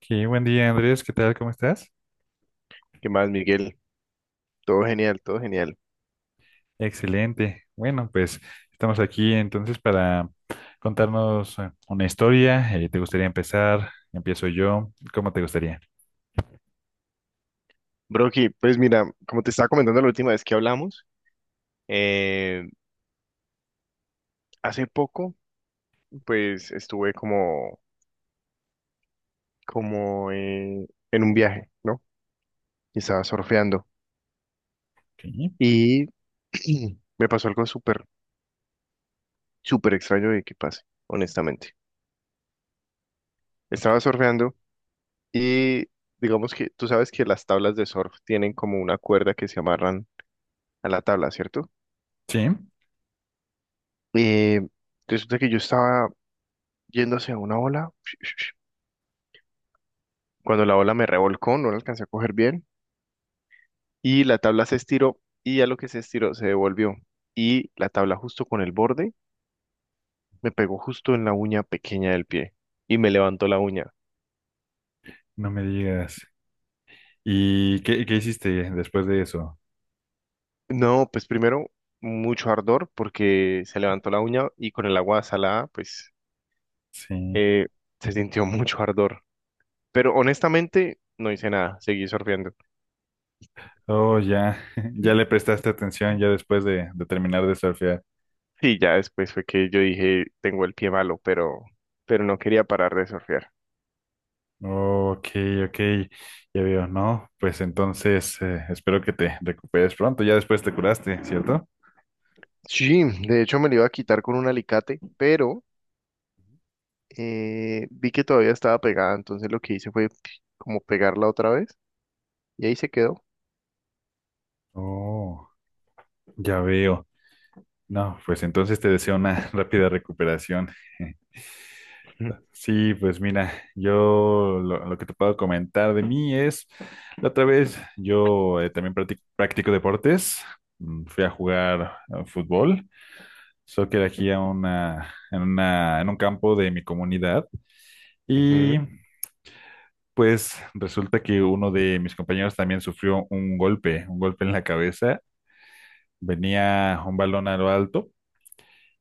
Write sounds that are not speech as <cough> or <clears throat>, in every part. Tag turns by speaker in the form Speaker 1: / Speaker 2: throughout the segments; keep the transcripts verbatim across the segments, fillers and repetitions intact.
Speaker 1: Qué buen día, Andrés. ¿Qué tal? ¿Cómo estás?
Speaker 2: ¿Qué más, Miguel? Todo genial, todo genial.
Speaker 1: Excelente. Bueno, pues estamos aquí entonces para contarnos eh, una historia. Eh, ¿te gustaría empezar? Empiezo yo. ¿Cómo te gustaría?
Speaker 2: Broki, pues mira, como te estaba comentando la última vez que hablamos, eh, hace poco, pues estuve como, como eh, en un viaje, ¿no? Y estaba surfeando.
Speaker 1: Ok,
Speaker 2: Y <clears throat> me pasó algo súper, súper extraño de que pase, honestamente.
Speaker 1: ok.
Speaker 2: Estaba surfeando y digamos que tú sabes que las tablas de surf tienen como una cuerda que se amarran a la tabla, ¿cierto?
Speaker 1: Sí,
Speaker 2: Eh, resulta que yo estaba yendo hacia una ola <sniffs> Cuando la ola me revolcó, no la alcancé a coger bien y la tabla se estiró y a lo que se estiró se devolvió y la tabla justo con el borde me pegó justo en la uña pequeña del pie y me levantó la uña.
Speaker 1: no me digas. ¿Y qué, qué hiciste después de eso?
Speaker 2: No, pues primero mucho ardor porque se levantó la uña y con el agua salada pues,
Speaker 1: Sí.
Speaker 2: eh, se sintió <laughs> mucho ardor. Pero honestamente no hice nada, seguí surfeando.
Speaker 1: Oh, ya, <laughs> ya le prestaste atención ya después de, de terminar de surfear.
Speaker 2: Sí, ya después fue que yo dije, tengo el pie malo, pero, pero no quería parar de surfear.
Speaker 1: Oh, ok, ok, ya veo, ¿no? Pues entonces eh, espero que te recuperes pronto, ya después te curaste, ¿cierto?
Speaker 2: Sí, de hecho me lo iba a quitar con un alicate, pero eh, vi que todavía estaba pegada, entonces lo que hice fue como pegarla otra vez y ahí se quedó.
Speaker 1: Oh, ya veo. No, pues entonces te deseo una <laughs> rápida recuperación. <laughs>
Speaker 2: Ujú.
Speaker 1: Sí, pues mira, yo lo, lo que te puedo comentar de mí es, la otra vez yo eh, también practic- practico deportes. Mm, fui a jugar eh, fútbol, soccer aquí a una, en una, en un campo de mi comunidad y
Speaker 2: Ujú.
Speaker 1: pues resulta que uno de mis compañeros también sufrió un golpe, un golpe en la cabeza, venía un balón a lo alto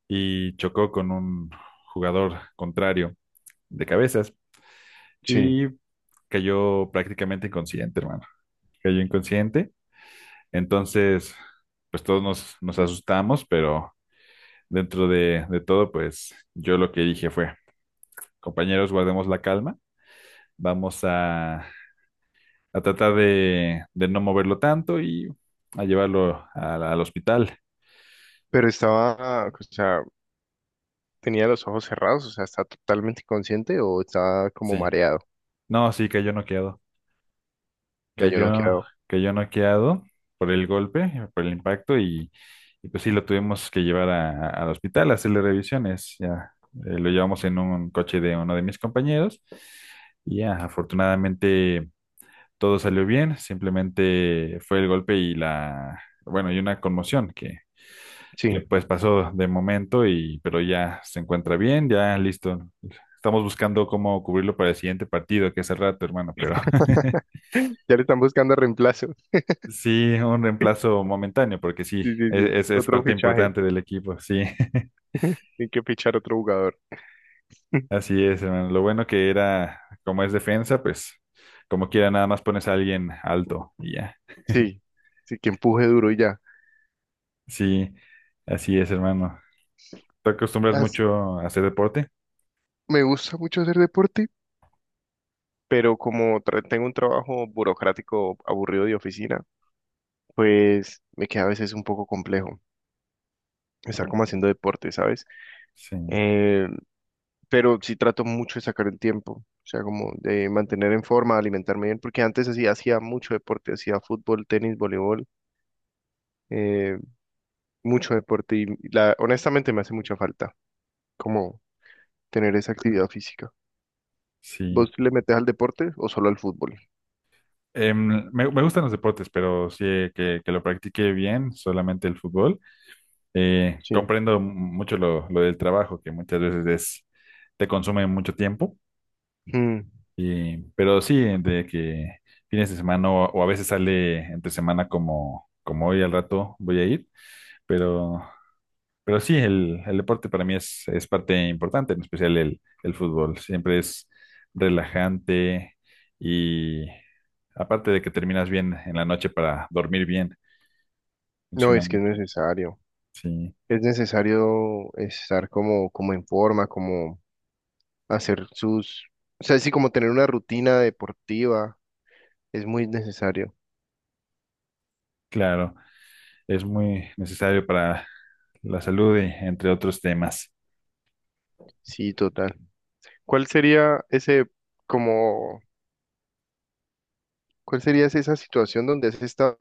Speaker 1: y chocó con un jugador contrario de cabezas.
Speaker 2: Sí,
Speaker 1: Cayó prácticamente inconsciente, hermano. Cayó inconsciente. Entonces, pues todos nos, nos asustamos, pero dentro de, de todo, pues yo lo que dije fue, compañeros, guardemos la calma, vamos a, a tratar de, de no moverlo tanto y a llevarlo al, al hospital.
Speaker 2: pero estaba, o sea, tenía los ojos cerrados, o sea, ¿está totalmente consciente o está como
Speaker 1: Sí,
Speaker 2: mareado,
Speaker 1: no, sí, cayó noqueado.
Speaker 2: que yo no
Speaker 1: cayó,
Speaker 2: quedo?
Speaker 1: Cayó noqueado por el golpe, por el impacto, y, y pues sí, lo tuvimos que llevar a- al hospital a hacerle revisiones. Ya, eh, lo llevamos en un coche de uno de mis compañeros, y ya, afortunadamente todo salió bien, simplemente fue el golpe y la, bueno, y una conmoción que, que
Speaker 2: Sí,
Speaker 1: pues pasó de momento, y, pero ya se encuentra bien, ya listo. Estamos buscando cómo cubrirlo para el siguiente partido, que es el rato, hermano, pero <laughs>
Speaker 2: <laughs> ya le están buscando reemplazo.
Speaker 1: sí, un
Speaker 2: <laughs>
Speaker 1: reemplazo momentáneo, porque sí,
Speaker 2: Sí, sí, sí,
Speaker 1: e- es, es
Speaker 2: otro
Speaker 1: parte
Speaker 2: fichaje,
Speaker 1: importante del equipo, sí. <laughs>
Speaker 2: <laughs> hay que fichar otro jugador.
Speaker 1: Así es, hermano. Lo bueno que era, como es defensa, pues como quiera, nada más pones a alguien alto y ya.
Speaker 2: Sí, sí, que empuje duro y ya.
Speaker 1: Sí, así es, hermano. ¿Te acostumbras
Speaker 2: As-
Speaker 1: mucho a hacer deporte?
Speaker 2: Me gusta mucho hacer deporte. Pero como tra- tengo un trabajo burocrático aburrido de oficina, pues me queda a veces un poco complejo estar
Speaker 1: Oh,
Speaker 2: como haciendo deporte, ¿sabes?
Speaker 1: sí,
Speaker 2: Eh, pero sí trato mucho de sacar el tiempo, o sea, como de mantener en forma, alimentarme bien, porque antes así hacía mucho deporte, hacía fútbol, tenis, voleibol, eh, mucho deporte y la, honestamente me hace mucha falta como tener esa actividad física. ¿Vos
Speaker 1: sí.
Speaker 2: le metes al deporte o solo al fútbol?
Speaker 1: Em, me, me gustan los deportes, pero sí eh, que, que lo practique bien, solamente el fútbol. Eh,
Speaker 2: Sí.
Speaker 1: comprendo mucho lo, lo del trabajo, que muchas veces es, te consume mucho tiempo.
Speaker 2: Mm.
Speaker 1: Y, pero sí, de que fines de semana o, o a veces sale entre semana como, como hoy al rato voy a ir, pero, pero sí, el, el deporte para mí es, es parte importante, en especial el, el fútbol. Siempre es relajante y aparte de que terminas bien en la noche para dormir bien,
Speaker 2: No,
Speaker 1: funciona
Speaker 2: es que es
Speaker 1: mucho.
Speaker 2: necesario.
Speaker 1: Sí,
Speaker 2: Es necesario estar como, como en forma, como hacer sus, o sea, sí, como tener una rutina deportiva, es muy necesario.
Speaker 1: claro, es muy necesario para la salud y entre otros temas.
Speaker 2: Sí, total. ¿Cuál sería ese, como, cuál sería esa esa situación donde has estado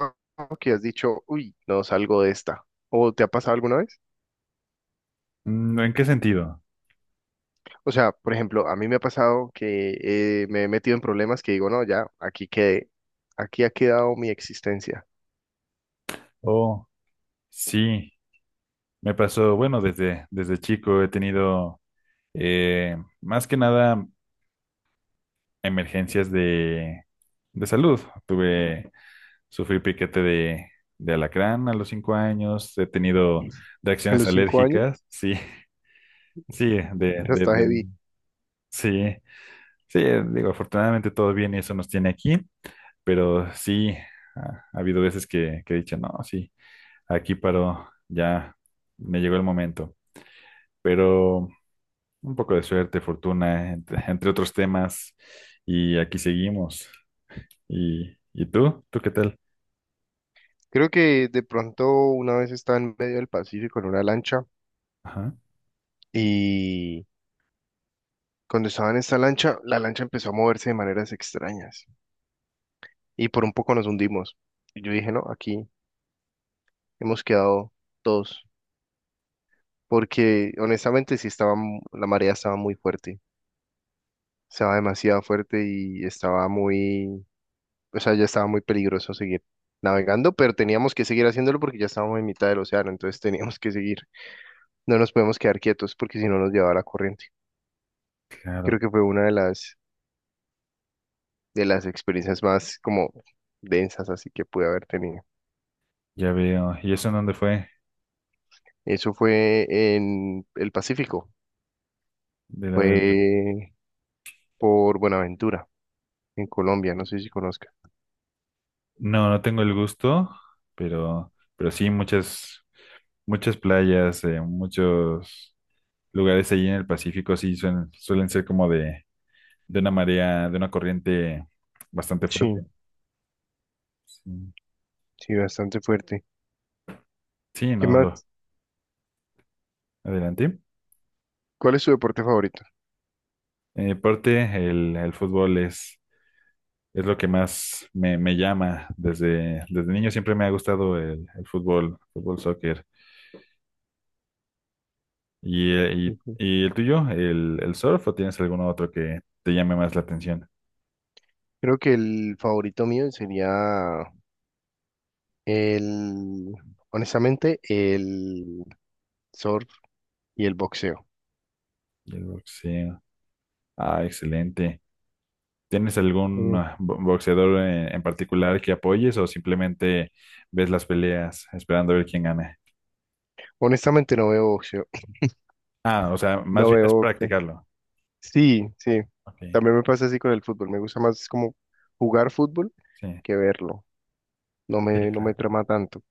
Speaker 2: que has dicho, uy, no salgo de esta? ¿O te ha pasado alguna vez?
Speaker 1: Mm, ¿en qué sentido?
Speaker 2: O sea, por ejemplo, a mí me ha pasado que eh, me he metido en problemas que digo, no, ya, aquí quedé, aquí ha quedado mi existencia.
Speaker 1: Oh, sí. Me pasó, bueno, desde, desde chico he tenido eh, más que nada emergencias de, de salud. Tuve, sufrí piquete de, de alacrán a los cinco años, he tenido
Speaker 2: <laughs> ¿A
Speaker 1: reacciones
Speaker 2: los cinco años?
Speaker 1: alérgicas, sí, <laughs> sí, de,
Speaker 2: Ya
Speaker 1: de,
Speaker 2: está
Speaker 1: de-
Speaker 2: heavy.
Speaker 1: sí, sí, digo, afortunadamente todo bien y eso nos tiene aquí, pero sí, ha, ha habido veces que, que he dicho, no, sí, aquí paró, ya me llegó el momento, pero... Un poco de suerte, fortuna, entre, <laughs> entre otros temas. Y aquí seguimos. ¿Y, y tú? ¿Tú qué tal?
Speaker 2: Creo que de pronto una vez estaba en medio del Pacífico en una lancha
Speaker 1: Ajá,
Speaker 2: y cuando estaba en esta lancha, la lancha empezó a moverse de maneras extrañas y por un poco nos hundimos. Y yo dije, no, aquí hemos quedado todos, porque honestamente sí estaba, mu- la marea estaba muy fuerte, estaba demasiado fuerte y estaba muy, o sea, ya estaba muy peligroso seguir navegando, pero teníamos que seguir haciéndolo porque ya estábamos en mitad del océano, entonces teníamos que seguir, no nos podemos quedar quietos porque si no nos llevaba la corriente. Creo
Speaker 1: claro,
Speaker 2: que fue una de las, de las experiencias más como densas así que pude haber tenido.
Speaker 1: ya veo. ¿Y eso en dónde fue?
Speaker 2: Eso fue en el Pacífico,
Speaker 1: De la del... pe-
Speaker 2: fue por Buenaventura, en Colombia, no sé si conozca.
Speaker 1: No, no tengo el gusto, pero, pero sí muchas, muchas playas, eh, muchos lugares allí en el Pacífico sí suelen, suelen ser como de, de una marea, de una corriente bastante
Speaker 2: Sí,
Speaker 1: fuerte. Sí,
Speaker 2: sí, bastante fuerte.
Speaker 1: sí,
Speaker 2: ¿Qué
Speaker 1: no, lo
Speaker 2: más?
Speaker 1: adelante.
Speaker 2: ¿Cuál es su deporte favorito?
Speaker 1: En mi parte, el, el fútbol es es lo que más me, me llama. Desde, desde niño siempre me ha gustado el, el fútbol, fútbol, soccer. ¿Y, eh, y-
Speaker 2: Ujú.
Speaker 1: y el tuyo, el, el surf o tienes algún otro que te llame más la atención?
Speaker 2: Creo que el favorito mío sería el, honestamente, el surf y el boxeo.
Speaker 1: Y el boxeo. Ah, excelente. ¿Tienes algún
Speaker 2: Mm.
Speaker 1: ah, bo- boxeador en, en particular que apoyes o simplemente ves las peleas esperando a ver quién gana?
Speaker 2: Honestamente no veo boxeo.
Speaker 1: Ah, o sea, más
Speaker 2: No
Speaker 1: bien es
Speaker 2: veo boxeo.
Speaker 1: practicarlo.
Speaker 2: Sí, sí.
Speaker 1: Ok,
Speaker 2: También me pasa así con el fútbol. Me gusta más como jugar fútbol
Speaker 1: sí,
Speaker 2: que verlo. No
Speaker 1: sí,
Speaker 2: me, no me
Speaker 1: claro.
Speaker 2: trama tanto.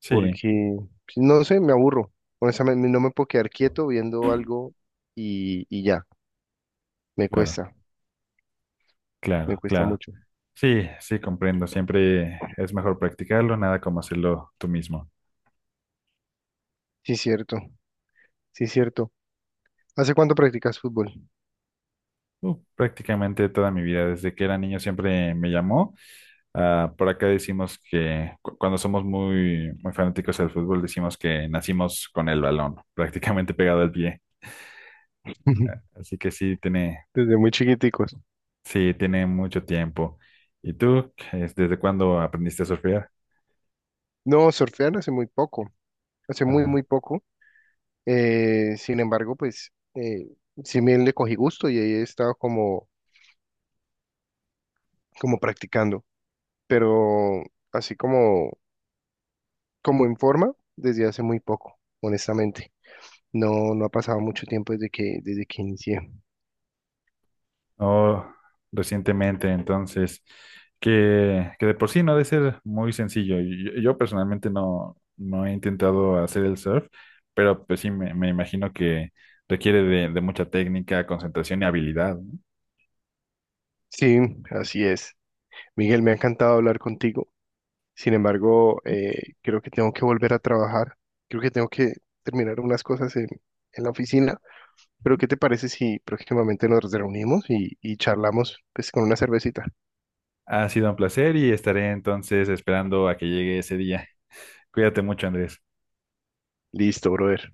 Speaker 1: Sí,
Speaker 2: Porque, pues, no sé, me aburro. Honestamente, no me puedo quedar quieto viendo algo y, y ya. Me
Speaker 1: claro,
Speaker 2: cuesta, me
Speaker 1: claro,
Speaker 2: cuesta
Speaker 1: claro.
Speaker 2: mucho.
Speaker 1: Sí, sí, comprendo. Siempre es mejor practicarlo, nada como hacerlo tú mismo.
Speaker 2: Sí, cierto, sí, cierto. ¿Hace cuánto practicas fútbol?
Speaker 1: Uh, prácticamente toda mi vida, desde que era niño, siempre me llamó. Ah, por acá decimos que cu- cuando somos muy, muy fanáticos del fútbol, decimos que nacimos con el balón, <laughs> prácticamente pegado al pie.
Speaker 2: <laughs>
Speaker 1: Así que sí, tiene,
Speaker 2: Desde muy chiquiticos.
Speaker 1: sí, tiene mucho tiempo. ¿Y tú, es- desde cuándo aprendiste a surfear?
Speaker 2: No, surfear hace muy poco. Hace muy,
Speaker 1: Ah.
Speaker 2: muy poco. Eh, sin embargo, pues, eh, sí me le cogí gusto y ahí he estado como, como practicando. Pero así como, como en forma, desde hace muy poco, honestamente. No, no ha pasado mucho tiempo desde que, desde que inicié.
Speaker 1: Oh, recientemente, entonces, que, que de por sí no ha de ser muy sencillo. Y Yo, yo personalmente no, no he intentado hacer el surf, pero pues sí, me, me imagino que requiere de, de mucha técnica, concentración y habilidad, ¿no?
Speaker 2: Sí, así es. Miguel, me ha encantado hablar contigo. Sin embargo, eh, creo que tengo que volver a trabajar. Creo que tengo que terminar unas cosas en, en la oficina. Pero, ¿qué te parece si próximamente nos reunimos y, y charlamos pues, con una cervecita?
Speaker 1: Ha sido un placer y estaré entonces esperando a que llegue ese día. Cuídate mucho, Andrés.
Speaker 2: Listo, brother.